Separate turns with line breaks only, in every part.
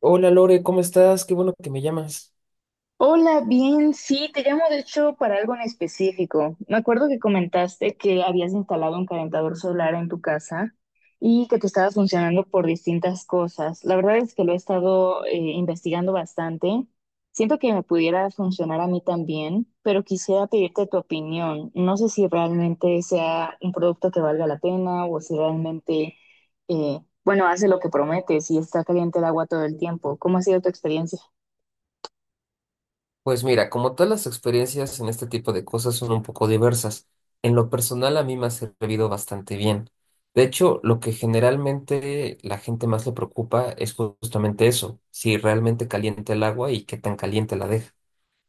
Hola Lore, ¿cómo estás? Qué bueno que me llamas.
Hola, bien, sí, te llamo de hecho para algo en específico. Me acuerdo que comentaste que habías instalado un calentador solar en tu casa y que te estaba funcionando por distintas cosas. La verdad es que lo he estado investigando bastante. Siento que me pudiera funcionar a mí también, pero quisiera pedirte tu opinión. No sé si realmente sea un producto que valga la pena o si realmente, bueno, hace lo que promete, si está caliente el agua todo el tiempo. ¿Cómo ha sido tu experiencia?
Pues mira, como todas las experiencias en este tipo de cosas son un poco diversas, en lo personal a mí me ha servido bastante bien. De hecho, lo que generalmente la gente más le preocupa es justamente eso, si realmente calienta el agua y qué tan caliente la deja.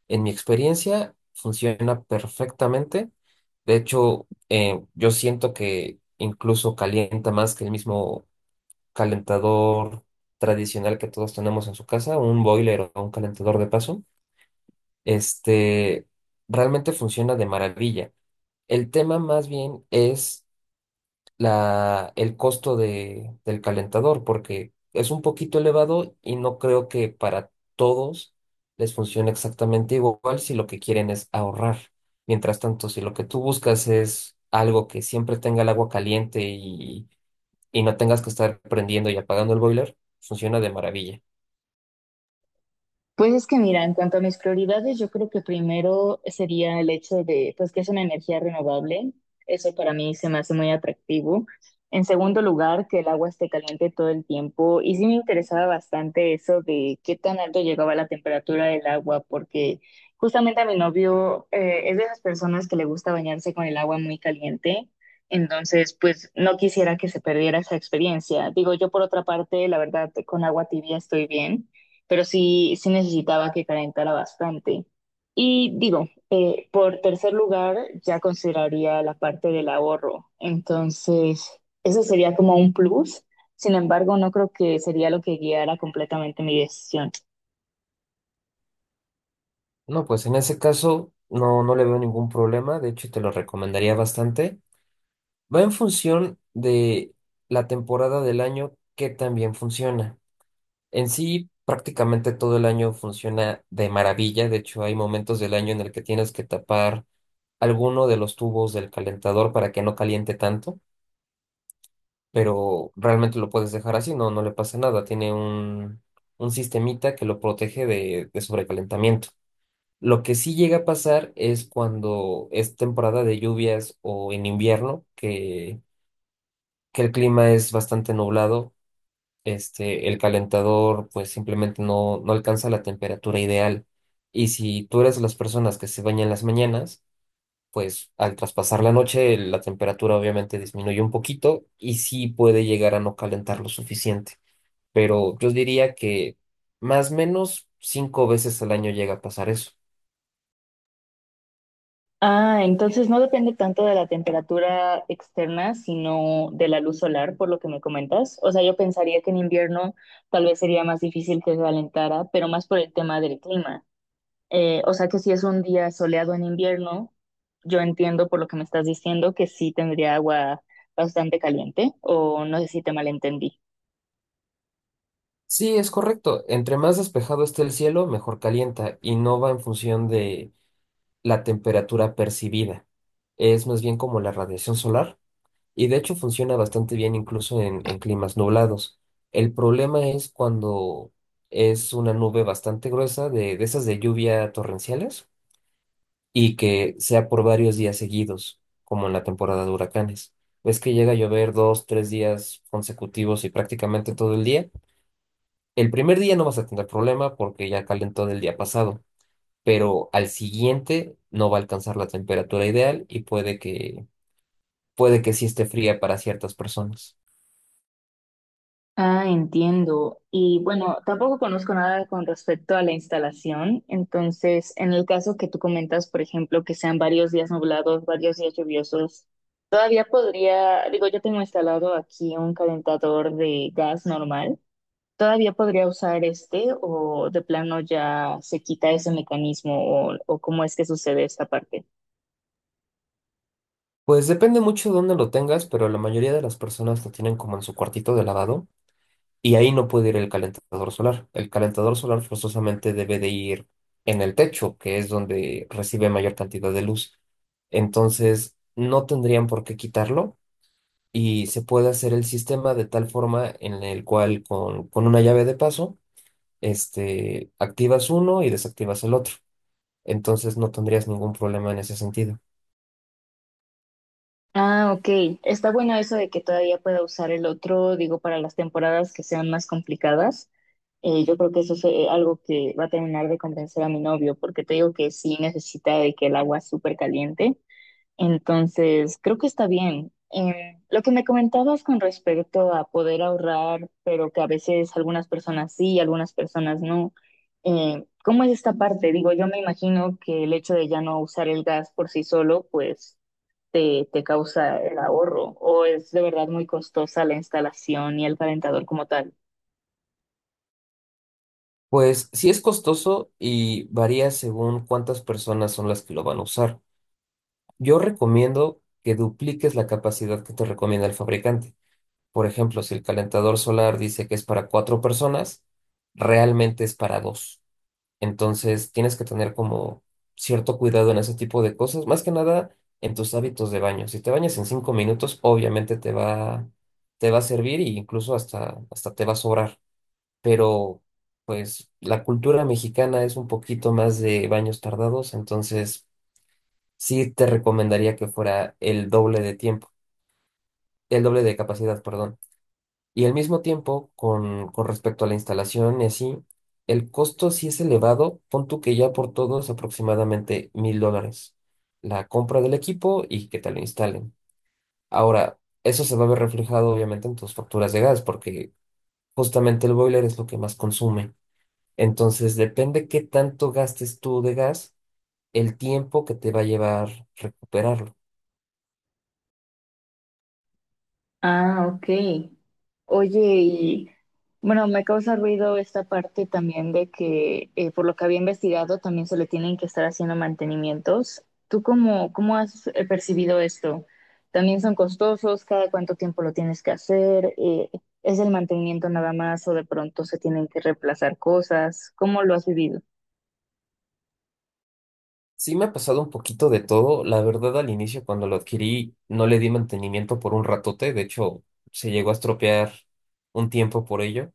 En mi experiencia funciona perfectamente. De hecho, yo siento que incluso calienta más que el mismo calentador tradicional que todos tenemos en su casa, un boiler o un calentador de paso, este realmente funciona de maravilla. El tema más bien es el costo del calentador, porque es un poquito elevado y no creo que para todos les funcione exactamente igual si lo que quieren es ahorrar. Mientras tanto, si lo que tú buscas es algo que siempre tenga el agua caliente y no tengas que estar prendiendo y apagando el boiler, funciona de maravilla.
Pues es que mira, en cuanto a mis prioridades, yo creo que primero sería el hecho de, pues que es una energía renovable, eso para mí se me hace muy atractivo. En segundo lugar, que el agua esté caliente todo el tiempo y sí me interesaba bastante eso de qué tan alto llegaba la temperatura del agua, porque justamente a mi novio es de esas personas que le gusta bañarse con el agua muy caliente. Entonces, pues no quisiera que se perdiera esa experiencia. Digo, yo por otra parte, la verdad, con agua tibia estoy bien, pero sí, sí necesitaba que calentara bastante. Y digo, por tercer lugar, ya consideraría la parte del ahorro. Entonces, eso sería como un plus. Sin embargo, no creo que sería lo que guiara completamente mi decisión.
No, pues en ese caso no, no le veo ningún problema. De hecho, te lo recomendaría bastante. Va en función de la temporada del año que también funciona. En sí, prácticamente todo el año funciona de maravilla. De hecho, hay momentos del año en el que tienes que tapar alguno de los tubos del calentador para que no caliente tanto, pero realmente lo puedes dejar así, no, no le pasa nada. Tiene un sistemita que lo protege de sobrecalentamiento. Lo que sí llega a pasar es cuando es temporada de lluvias o en invierno, que el clima es bastante nublado. El calentador pues simplemente no, no alcanza la temperatura ideal. Y si tú eres de las personas que se bañan en las mañanas, pues al traspasar la noche la temperatura obviamente disminuye un poquito y sí puede llegar a no calentar lo suficiente, pero yo diría que más o menos 5 veces al año llega a pasar eso.
Ah, entonces no depende tanto de la temperatura externa, sino de la luz solar, por lo que me comentas. O sea, yo pensaría que en invierno tal vez sería más difícil que se calentara, pero más por el tema del clima. O sea que si es un día soleado en invierno, yo entiendo por lo que me estás diciendo que sí tendría agua bastante caliente, o no sé si te malentendí.
Sí, es correcto. Entre más despejado esté el cielo, mejor calienta y no va en función de la temperatura percibida. Es más bien como la radiación solar, y de hecho funciona bastante bien incluso en climas nublados. El problema es cuando es una nube bastante gruesa de esas de lluvia torrenciales y que sea por varios días seguidos, como en la temporada de huracanes. Ves que llega a llover dos, tres días consecutivos y prácticamente todo el día. El primer día no vas a tener problema porque ya calentó del día pasado, pero al siguiente no va a alcanzar la temperatura ideal y puede que sí esté fría para ciertas personas.
Ah, entiendo. Y bueno, tampoco conozco nada con respecto a la instalación. Entonces, en el caso que tú comentas, por ejemplo, que sean varios días nublados, varios días lluviosos, todavía podría, digo, yo tengo instalado aquí un calentador de gas normal. ¿Todavía podría usar este o de plano ya se quita ese mecanismo o cómo es que sucede esta parte?
Pues depende mucho de dónde lo tengas, pero la mayoría de las personas lo tienen como en su cuartito de lavado y ahí no puede ir el calentador solar. El calentador solar forzosamente debe de ir en el techo, que es donde recibe mayor cantidad de luz. Entonces, no tendrían por qué quitarlo, y se puede hacer el sistema de tal forma en el cual con una llave de paso, activas uno y desactivas el otro. Entonces, no tendrías ningún problema en ese sentido.
Ah, ok. Está bueno eso de que todavía pueda usar el otro, digo, para las temporadas que sean más complicadas. Yo creo que eso es algo que va a terminar de convencer a mi novio, porque te digo que sí necesita de que el agua es súper caliente. Entonces, creo que está bien. Lo que me comentabas con respecto a poder ahorrar, pero que a veces algunas personas sí, algunas personas no. ¿Cómo es esta parte? Digo, yo me imagino que el hecho de ya no usar el gas por sí solo, pues te causa el ahorro, o es de verdad muy costosa la instalación y el calentador como tal.
Pues sí es costoso y varía según cuántas personas son las que lo van a usar. Yo recomiendo que dupliques la capacidad que te recomienda el fabricante. Por ejemplo, si el calentador solar dice que es para 4 personas, realmente es para dos. Entonces, tienes que tener como cierto cuidado en ese tipo de cosas, más que nada en tus hábitos de baño. Si te bañas en 5 minutos, obviamente te va a servir e incluso hasta te va a sobrar. Pero, pues, la cultura mexicana es un poquito más de baños tardados, entonces sí te recomendaría que fuera el doble de tiempo, el doble de capacidad, perdón. Y al mismo tiempo, con respecto a la instalación y así, el costo sí es elevado. Pon tú que ya por todo es aproximadamente $1,000, la compra del equipo y que te lo instalen. Ahora, eso se va a ver reflejado obviamente en tus facturas de gas, porque justamente el boiler es lo que más consume. Entonces, depende qué tanto gastes tú de gas, el tiempo que te va a llevar recuperarlo.
Ah, ok. Oye, y bueno, me causa ruido esta parte también de que, por lo que había investigado, también se le tienen que estar haciendo mantenimientos. ¿Tú cómo, cómo has percibido esto? ¿También son costosos? ¿Cada cuánto tiempo lo tienes que hacer? ¿Es el mantenimiento nada más o de pronto se tienen que reemplazar cosas? ¿Cómo lo has vivido?
Sí me ha pasado un poquito de todo. La verdad, al inicio cuando lo adquirí no le di mantenimiento por un ratote. De hecho, se llegó a estropear un tiempo por ello.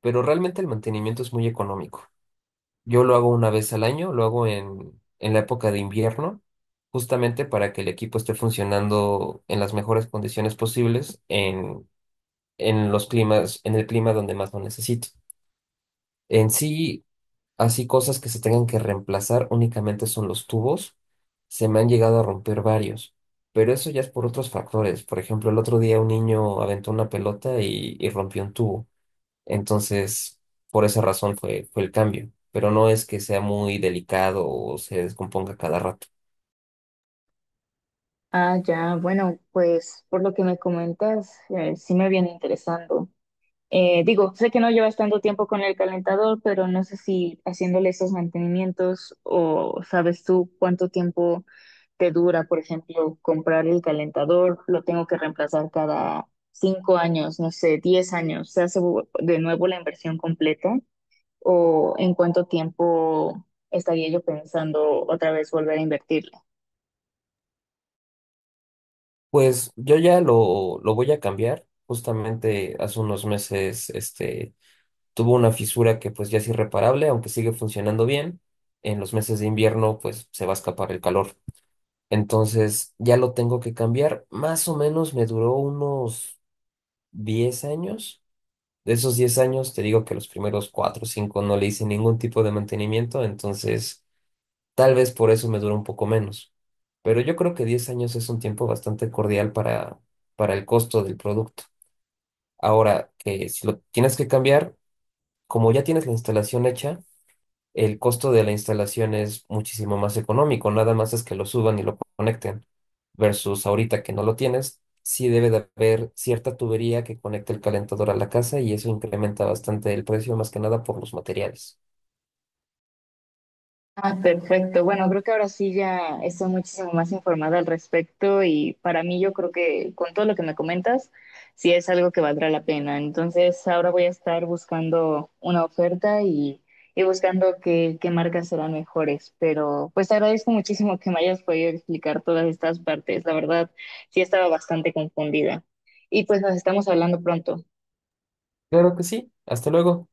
Pero realmente el mantenimiento es muy económico. Yo lo hago una vez al año, lo hago en la época de invierno, justamente para que el equipo esté funcionando en las mejores condiciones posibles en los climas, en el clima donde más lo necesito. En sí, así cosas que se tengan que reemplazar únicamente son los tubos. Se me han llegado a romper varios, pero eso ya es por otros factores. Por ejemplo, el otro día un niño aventó una pelota y rompió un tubo. Entonces, por esa razón fue el cambio. Pero no es que sea muy delicado o se descomponga cada rato.
Ah, ya, bueno, pues por lo que me comentas, sí me viene interesando. Digo, sé que no llevas tanto tiempo con el calentador, pero no sé si haciéndole esos mantenimientos o sabes tú cuánto tiempo te dura, por ejemplo, comprar el calentador, lo tengo que reemplazar cada 5 años, no sé, 10 años, se hace de nuevo la inversión completa o en cuánto tiempo estaría yo pensando otra vez volver a invertir.
Pues yo ya lo voy a cambiar. Justamente hace unos meses, tuvo una fisura que pues ya es irreparable, aunque sigue funcionando bien. En los meses de invierno pues se va a escapar el calor. Entonces ya lo tengo que cambiar. Más o menos me duró unos 10 años. De esos 10 años te digo que los primeros 4 o 5 no le hice ningún tipo de mantenimiento, entonces tal vez por eso me duró un poco menos. Pero yo creo que 10 años es un tiempo bastante cordial para el costo del producto. Ahora que si lo tienes que cambiar, como ya tienes la instalación hecha, el costo de la instalación es muchísimo más económico, nada más es que lo suban y lo conecten, versus ahorita que no lo tienes, sí debe de haber cierta tubería que conecte el calentador a la casa y eso incrementa bastante el precio, más que nada por los materiales.
Ah, perfecto. Bueno, creo que ahora sí ya estoy muchísimo más informada al respecto y para mí yo creo que con todo lo que me comentas, sí es algo que valdrá la pena. Entonces ahora voy a estar buscando una oferta y buscando qué marcas serán mejores. Pero pues te agradezco muchísimo que me hayas podido explicar todas estas partes. La verdad, sí estaba bastante confundida. Y pues nos estamos hablando pronto.
Claro que sí, hasta luego.